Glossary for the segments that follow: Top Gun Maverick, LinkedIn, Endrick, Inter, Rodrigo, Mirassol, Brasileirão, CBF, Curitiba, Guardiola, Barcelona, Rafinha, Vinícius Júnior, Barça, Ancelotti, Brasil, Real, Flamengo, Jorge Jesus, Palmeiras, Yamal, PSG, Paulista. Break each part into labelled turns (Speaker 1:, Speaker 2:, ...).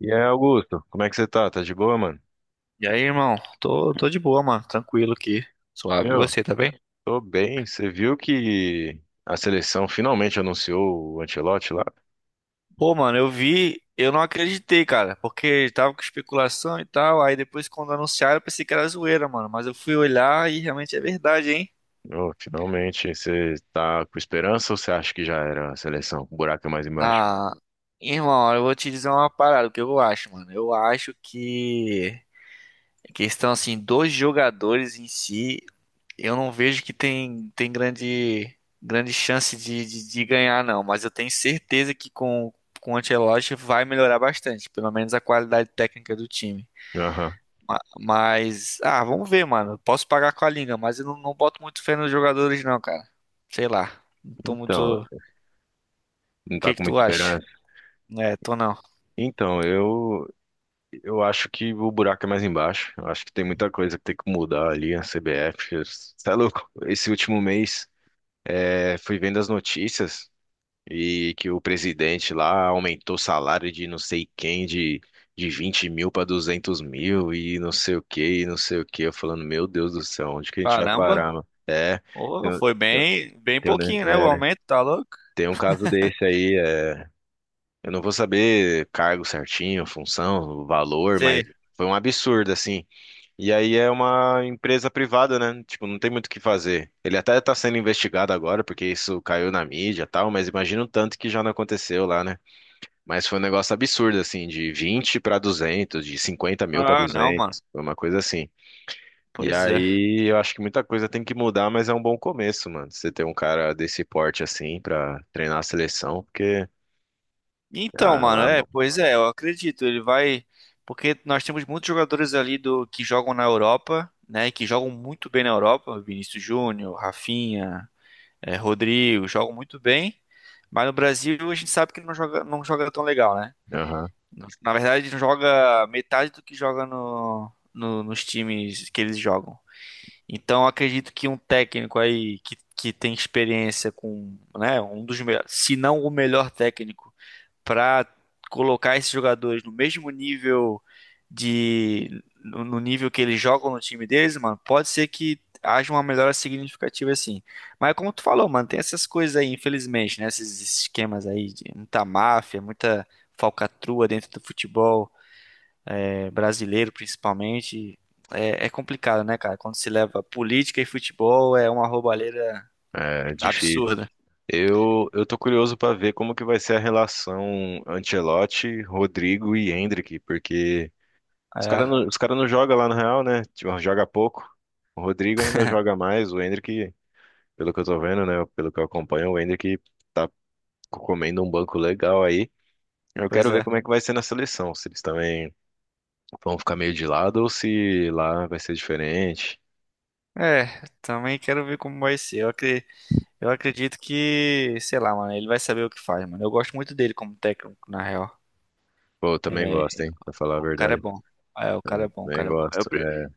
Speaker 1: E aí, Augusto, como é que você tá? Tá de boa, mano?
Speaker 2: E aí, irmão? Tô de boa, mano. Tranquilo aqui. Suave. E
Speaker 1: Meu,
Speaker 2: você, tá bem?
Speaker 1: tô bem. Você viu que a seleção finalmente anunciou o Ancelotti lá?
Speaker 2: Pô, mano, eu vi, eu não acreditei, cara, porque tava com especulação e tal. Aí depois, quando anunciaram, eu pensei que era zoeira, mano. Mas eu fui olhar e realmente é verdade, hein?
Speaker 1: Meu, finalmente. Você tá com esperança ou você acha que já era a seleção? O buraco é mais embaixo.
Speaker 2: Ah, irmão, eu vou te dizer uma parada, o que eu acho, mano. Eu acho que a questão, assim, dos jogadores em si. Eu não vejo que tem grande, grande chance de ganhar, não, mas eu tenho certeza que com o Ancelotti vai melhorar bastante, pelo menos a qualidade técnica do time.
Speaker 1: Aham.
Speaker 2: Mas, vamos ver, mano. Posso pagar com a língua, mas eu não boto muito fé nos jogadores, não, cara. Sei lá. Não tô
Speaker 1: Então,
Speaker 2: muito. O
Speaker 1: não tá
Speaker 2: que
Speaker 1: com
Speaker 2: que tu
Speaker 1: muita
Speaker 2: acha?
Speaker 1: esperança?
Speaker 2: É, tô não.
Speaker 1: Então, eu acho que o buraco é mais embaixo. Eu acho que tem muita coisa que tem que mudar ali, a CBF. Você é louco? Esse último mês, fui vendo as notícias. E que o presidente lá aumentou o salário de não sei quem, de 20 mil para 200 mil e não sei o que, e não sei o que. Eu falando, meu Deus do céu, onde que a gente vai
Speaker 2: Caramba.
Speaker 1: parar, mano? É,
Speaker 2: Ô,
Speaker 1: tem, um,
Speaker 2: foi
Speaker 1: tem, um,
Speaker 2: bem, bem
Speaker 1: tem, um ne-
Speaker 2: pouquinho, né? O
Speaker 1: é,
Speaker 2: aumento, tá louco?
Speaker 1: tem um caso desse aí, eu não vou saber cargo certinho, função, valor,
Speaker 2: Sei.
Speaker 1: mas foi um absurdo, assim. E aí é uma empresa privada, né? Tipo, não tem muito o que fazer. Ele até tá sendo investigado agora, porque isso caiu na mídia e tal, mas imagina o tanto que já não aconteceu lá, né? Mas foi um negócio absurdo, assim, de 20 para 200 de 50 mil para
Speaker 2: Ah, não, mano.
Speaker 1: 200 foi uma coisa assim. E
Speaker 2: Pois é.
Speaker 1: aí eu acho que muita coisa tem que mudar, mas é um bom começo, mano. Você ter um cara desse porte, assim, pra treinar a seleção, porque.
Speaker 2: Então,
Speaker 1: Ah,
Speaker 2: mano,
Speaker 1: lá,
Speaker 2: é,
Speaker 1: mano.
Speaker 2: pois é, eu acredito, ele vai, porque nós temos muitos jogadores ali do que jogam na Europa, né, que jogam muito bem na Europa, Vinícius Júnior, Rafinha, é, Rodrigo, jogam muito bem, mas no Brasil a gente sabe que não joga, não joga tão legal, né?
Speaker 1: Aham,
Speaker 2: Na verdade, não joga metade do que joga nos times que eles jogam. Então, eu acredito que um técnico aí que tem experiência com, né, um dos melhores, se não o melhor técnico para colocar esses jogadores no mesmo nível de no no nível que eles jogam no time deles, mano, pode ser que haja uma melhora significativa assim. Mas como tu falou, mano, tem essas coisas aí, infelizmente, né? Esses esquemas aí de muita máfia, muita falcatrua dentro do futebol, é, brasileiro, principalmente. É, é complicado, né, cara? Quando se leva política e futebol, é uma roubalheira
Speaker 1: é difícil.
Speaker 2: absurda.
Speaker 1: Eu tô curioso pra ver como que vai ser a relação Ancelotti, Rodrigo e Endrick, porque
Speaker 2: É,
Speaker 1: os cara não jogam lá no Real, né? Tipo, joga pouco. O Rodrigo ainda joga mais, o Endrick. Pelo que eu tô vendo, né? Pelo que eu acompanho, o Endrick tá comendo um banco legal aí. Eu
Speaker 2: pois
Speaker 1: quero ver
Speaker 2: é.
Speaker 1: como é que vai ser na seleção, se eles também vão ficar meio de lado ou se lá vai ser diferente.
Speaker 2: É, também quero ver como vai ser. Eu acredito que, sei lá, mano, ele vai saber o que faz, mano. Eu gosto muito dele como técnico, na real.
Speaker 1: Pô, eu também
Speaker 2: É,
Speaker 1: gosto, hein? Pra falar a
Speaker 2: o cara é
Speaker 1: verdade.
Speaker 2: bom. É, o cara é bom, o
Speaker 1: Também
Speaker 2: cara é bom. Eu,
Speaker 1: gosto.
Speaker 2: pre-
Speaker 1: É,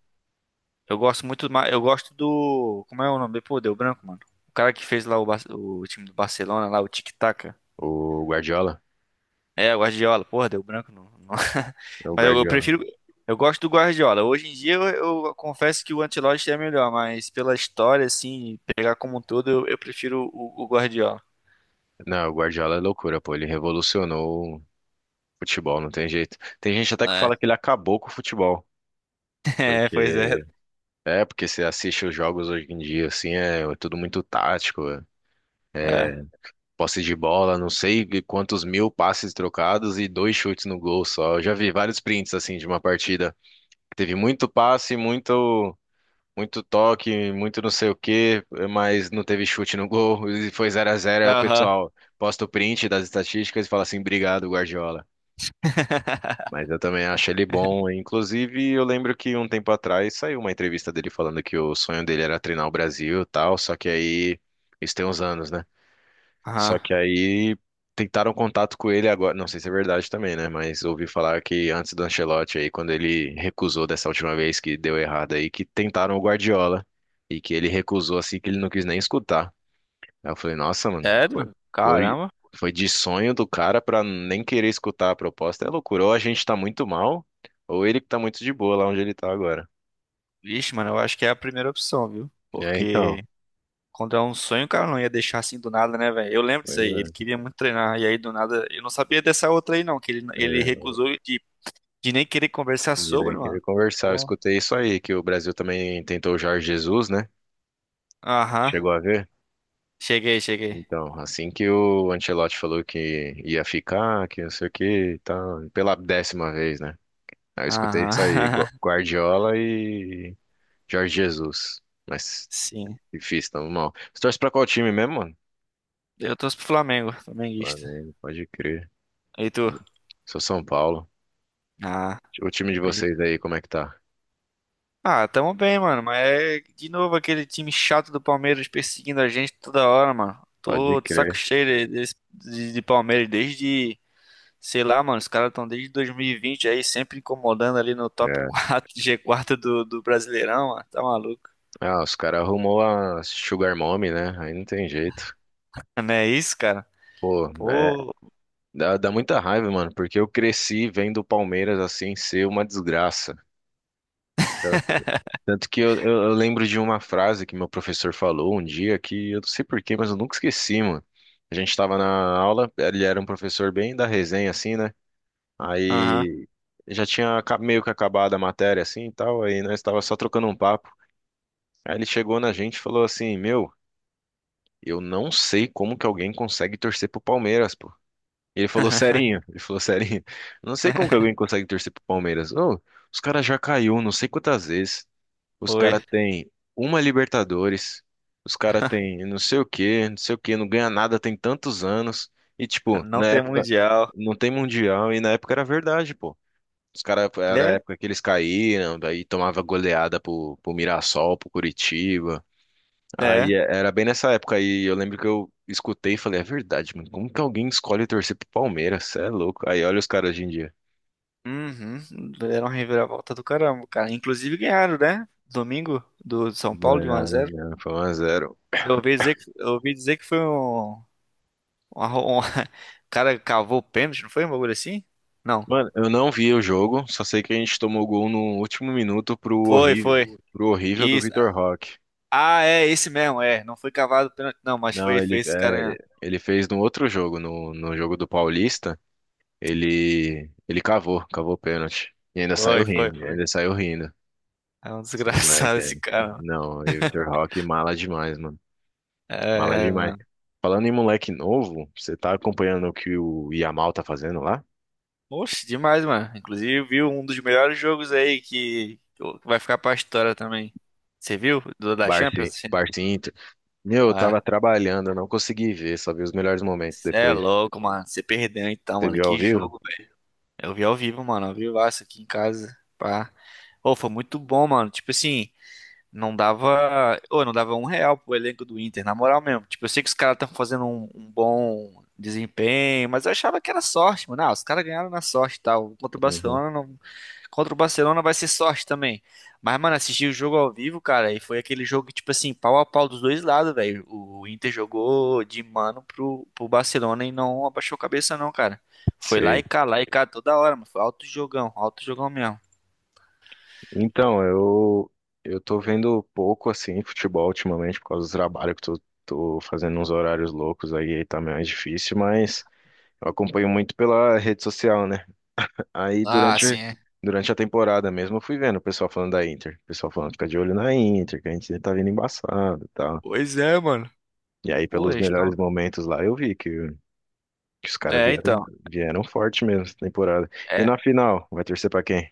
Speaker 2: eu gosto muito, eu gosto do, como é o nome? Pô, deu branco, mano. O cara que fez lá o time do Barcelona, lá, o Tic Taca.
Speaker 1: o Guardiola?
Speaker 2: É, o Guardiola. Porra, deu branco. Não.
Speaker 1: É o
Speaker 2: Mas eu
Speaker 1: Guardiola.
Speaker 2: prefiro, eu gosto do Guardiola. Hoje em dia eu confesso que o Ancelotti é melhor, mas pela história, assim, pegar como um todo, eu prefiro o Guardiola.
Speaker 1: Não, o Guardiola é loucura, pô. Ele revolucionou o futebol, não tem jeito. Tem gente até que
Speaker 2: É,
Speaker 1: fala que ele acabou com o futebol.
Speaker 2: é, pois é.
Speaker 1: Porque. Porque você assiste os jogos hoje em dia, assim, é tudo muito tático.
Speaker 2: É.
Speaker 1: é, posse de bola, não sei quantos mil passes trocados e dois chutes no gol só. Eu já vi vários prints assim de uma partida que teve muito passe, muito muito toque, muito não sei o quê, mas não teve chute no gol e foi 0-0. Aí o
Speaker 2: Aham.
Speaker 1: pessoal posta o print das estatísticas e fala assim: "Obrigado, Guardiola". Mas eu também acho ele bom. Inclusive, eu lembro que um tempo atrás saiu uma entrevista dele falando que o sonho dele era treinar o Brasil e tal, só que aí isso tem uns anos, né? Só
Speaker 2: Aham.
Speaker 1: que aí tentaram contato com ele agora, não sei se é verdade também, né? Mas ouvi falar que antes do Ancelotti aí, quando ele recusou dessa última vez que deu errado aí, que tentaram o Guardiola e que ele recusou assim que ele não quis nem escutar. Aí eu falei, nossa, mano,
Speaker 2: Sério?
Speaker 1: foi,
Speaker 2: Caramba.
Speaker 1: foi de sonho do cara pra nem querer escutar a proposta. É loucura, ou a gente tá muito mal, ou ele que tá muito de boa lá onde ele tá agora.
Speaker 2: Vixe, mano, eu acho que é a primeira opção, viu?
Speaker 1: E aí, então,
Speaker 2: Porque quando é um sonho, o cara não ia deixar assim do nada, né, velho? Eu lembro disso
Speaker 1: pois
Speaker 2: aí. Ele
Speaker 1: é,
Speaker 2: queria muito treinar. E aí, do nada, eu não sabia dessa outra aí, não. Que ele
Speaker 1: é,
Speaker 2: recusou de, nem querer conversar
Speaker 1: de nem
Speaker 2: sobre,
Speaker 1: querer
Speaker 2: mano.
Speaker 1: conversar. Eu
Speaker 2: Como?
Speaker 1: escutei isso aí, que o Brasil também tentou o Jorge Jesus, né?
Speaker 2: Aham.
Speaker 1: Chegou a ver?
Speaker 2: Cheguei, cheguei.
Speaker 1: Então, assim que o Ancelotti falou que ia ficar, que não sei o que tá pela 10ª vez, né? Aí eu escutei isso aí,
Speaker 2: Aham.
Speaker 1: Gu- Guardiola e Jorge Jesus. Mas
Speaker 2: Sim.
Speaker 1: difícil, tamo mal. Você torce pra qual time mesmo, mano?
Speaker 2: Eu torço pro Flamengo, flamenguista.
Speaker 1: Flamengo, pode crer.
Speaker 2: E tu?
Speaker 1: Sou São Paulo.
Speaker 2: Ah,
Speaker 1: O time de
Speaker 2: pode
Speaker 1: vocês aí, como é que tá?
Speaker 2: Ah, tamo bem, mano. Mas é de novo aquele time chato do Palmeiras perseguindo a gente toda hora, mano.
Speaker 1: Pode
Speaker 2: Tô de saco
Speaker 1: crer.
Speaker 2: cheio de, de Palmeiras desde, sei lá, mano. Os caras estão desde 2020 aí, sempre incomodando ali no top
Speaker 1: É.
Speaker 2: quatro, g 4 do Brasileirão, mano. Tá maluco?
Speaker 1: Ah, os caras arrumou a Sugar Mommy, né? Aí não tem jeito.
Speaker 2: Não é isso, cara?
Speaker 1: Pô,
Speaker 2: Pô,
Speaker 1: dá muita raiva, mano, porque eu cresci vendo o Palmeiras assim ser uma desgraça. Tanto, tanto que eu lembro de uma frase que meu professor falou um dia que eu não sei porquê, mas eu nunca esqueci, mano. A gente tava na aula, ele era um professor bem da resenha, assim, né?
Speaker 2: aham.
Speaker 1: Aí já tinha meio que acabado a matéria, assim e tal, aí nós tava só trocando um papo. Aí ele chegou na gente e falou assim: Meu, eu não sei como que alguém consegue torcer pro Palmeiras, pô. Ele falou serinho, ele falou serinho. Não sei como que alguém consegue torcer pro Palmeiras. Ô, os caras já caiu não sei quantas vezes. Os
Speaker 2: Foi.
Speaker 1: caras têm uma Libertadores. Os caras têm não sei o quê, não sei o quê, não ganha nada tem tantos anos. E tipo,
Speaker 2: Não
Speaker 1: na
Speaker 2: tem
Speaker 1: época
Speaker 2: mundial.
Speaker 1: não tem mundial e na época era verdade, pô. Os caras era a
Speaker 2: É,
Speaker 1: época que eles caíram, daí tomava goleada pro Mirassol, pro Curitiba.
Speaker 2: é.
Speaker 1: Aí era bem nessa época aí, eu lembro que eu escutei e falei, é verdade, mano, como que alguém escolhe torcer pro Palmeiras? Cê é louco. Aí olha os caras hoje em dia.
Speaker 2: Uhum. Deram uma reviravolta do caramba, cara. Inclusive ganharam, né? Domingo do São Paulo de um a
Speaker 1: Ganharam,
Speaker 2: zero.
Speaker 1: né? Foi 1x0.
Speaker 2: Eu ouvi dizer que foi um cara cavou o pênalti, não foi um bagulho assim? Não.
Speaker 1: Mano, eu não vi o jogo, só sei que a gente tomou gol no último minuto
Speaker 2: Foi, foi.
Speaker 1: pro horrível do
Speaker 2: Isso.
Speaker 1: Vitor Roque.
Speaker 2: Ah, é, esse mesmo, é. Não foi cavado o pênalti, não, mas
Speaker 1: Não,
Speaker 2: foi
Speaker 1: ele,
Speaker 2: esse cara
Speaker 1: é,
Speaker 2: mesmo.
Speaker 1: ele fez no outro jogo, no jogo do Paulista, ele cavou, cavou o pênalti. E ainda saiu
Speaker 2: Foi, foi,
Speaker 1: rindo,
Speaker 2: foi.
Speaker 1: ainda saiu rindo.
Speaker 2: É um
Speaker 1: Esse
Speaker 2: desgraçado
Speaker 1: moleque, é.
Speaker 2: esse cara, mano.
Speaker 1: Não, e o Vitor Roque mala demais, mano. Mala
Speaker 2: É,
Speaker 1: demais.
Speaker 2: mano.
Speaker 1: Falando em moleque novo, você tá acompanhando o que o Yamal tá fazendo lá?
Speaker 2: Oxe, demais, mano. Inclusive, viu um dos melhores jogos aí que vai ficar pra história também. Você viu? Do da
Speaker 1: Barça,
Speaker 2: Champions?
Speaker 1: Barça e Inter. Meu, eu
Speaker 2: Ah,
Speaker 1: tava trabalhando, eu não consegui ver, só vi os melhores momentos
Speaker 2: você é
Speaker 1: depois.
Speaker 2: louco, mano. Você perdeu então,
Speaker 1: Você
Speaker 2: mano.
Speaker 1: viu ao
Speaker 2: Que
Speaker 1: vivo?
Speaker 2: jogo. Eu vi ao vivo, mano, ao vivaço aqui em casa, pá. Ô, foi muito bom, mano. Tipo assim, não dava um real pro elenco do Inter, na moral mesmo. Tipo, eu sei que os caras estão fazendo um bom desempenho, mas eu achava que era sorte, mano. Ah, os caras ganharam na sorte e tal. Contra o
Speaker 1: Uhum.
Speaker 2: Barcelona, não. Contra o Barcelona vai ser sorte também. Mas, mano, assisti o jogo ao vivo, cara, e foi aquele jogo, que, tipo assim, pau a pau dos dois lados, velho. O Inter jogou de mano pro Barcelona e não abaixou a cabeça, não, cara. Foi
Speaker 1: Sei.
Speaker 2: lá e cá toda hora, mano. Foi alto jogão mesmo.
Speaker 1: Então, eu tô vendo pouco assim futebol ultimamente por causa do trabalho que tô fazendo uns horários loucos aí, aí tá mais difícil, mas eu acompanho muito pela rede social, né? Aí
Speaker 2: Ah, sim, é.
Speaker 1: durante a temporada mesmo eu fui vendo o pessoal falando da Inter. O pessoal falando, fica de olho na Inter, que a gente tá vindo embaçado e tal.
Speaker 2: Pois é, mano.
Speaker 1: E aí
Speaker 2: Pô,
Speaker 1: pelos
Speaker 2: eles estão.
Speaker 1: melhores momentos lá eu vi que os caras
Speaker 2: É,
Speaker 1: vieram,
Speaker 2: então.
Speaker 1: vieram forte mesmo essa temporada. E
Speaker 2: É.
Speaker 1: na final, vai torcer pra quem?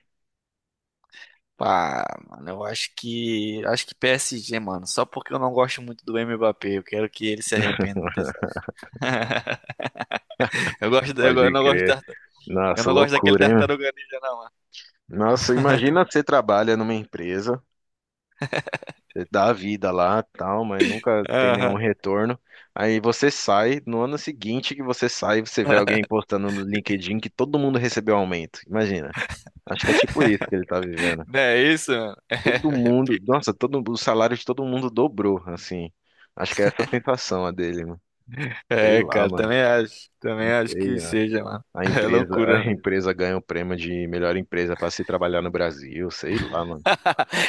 Speaker 2: Pá, mano, eu acho que. Acho que PSG, mano. Só porque eu não gosto muito do Mbappé. Eu quero que ele se arrependa dessa. Eu
Speaker 1: Pode
Speaker 2: não gosto
Speaker 1: crer.
Speaker 2: da. Eu
Speaker 1: Nossa,
Speaker 2: não gosto daquele
Speaker 1: loucura, hein?
Speaker 2: tartaruga ninja, não, mano.
Speaker 1: Nossa, imagina você trabalha numa empresa dá a vida lá, tal, mas nunca tem nenhum
Speaker 2: Aham.
Speaker 1: retorno. Aí você sai, no ano seguinte que você sai, você vê alguém postando no LinkedIn que todo mundo recebeu aumento. Imagina. Acho que é tipo isso que ele tá vivendo.
Speaker 2: Não é isso, mano?
Speaker 1: Todo mundo, nossa, todo o salário de todo mundo dobrou, assim. Acho que é essa a sensação a dele, mano. Sei
Speaker 2: É,
Speaker 1: lá,
Speaker 2: cara,
Speaker 1: mano.
Speaker 2: também acho. Também
Speaker 1: Não
Speaker 2: acho
Speaker 1: sei.
Speaker 2: que
Speaker 1: A
Speaker 2: seja, mano.
Speaker 1: a
Speaker 2: É
Speaker 1: empresa, a
Speaker 2: loucura, né?
Speaker 1: empresa ganha o prêmio de melhor empresa para se trabalhar no Brasil, sei lá, mano.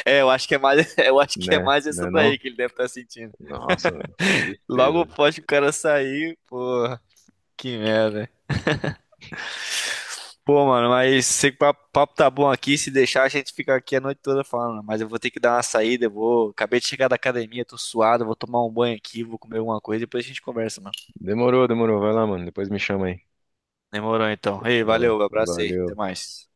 Speaker 2: É, eu acho que é mais, eu acho que é
Speaker 1: Né?
Speaker 2: mais essa
Speaker 1: Né não?
Speaker 2: daí que ele deve estar sentindo.
Speaker 1: Nossa, mano, que
Speaker 2: Logo
Speaker 1: tristeza.
Speaker 2: após que o cara sair, porra, que merda. Pô, mano, mas sei que o papo papo tá bom aqui. Se deixar, a gente fica aqui a noite toda falando, né? Mas eu vou ter que dar uma saída. Eu vou. Acabei de chegar da academia, tô suado. Vou tomar um banho aqui, vou comer alguma coisa. Depois a gente conversa, mano.
Speaker 1: Demorou, demorou. Vai lá, mano. Depois me chama aí.
Speaker 2: Demorou então. Ei,
Speaker 1: Fechou.
Speaker 2: valeu, abraço aí,
Speaker 1: Valeu.
Speaker 2: até mais.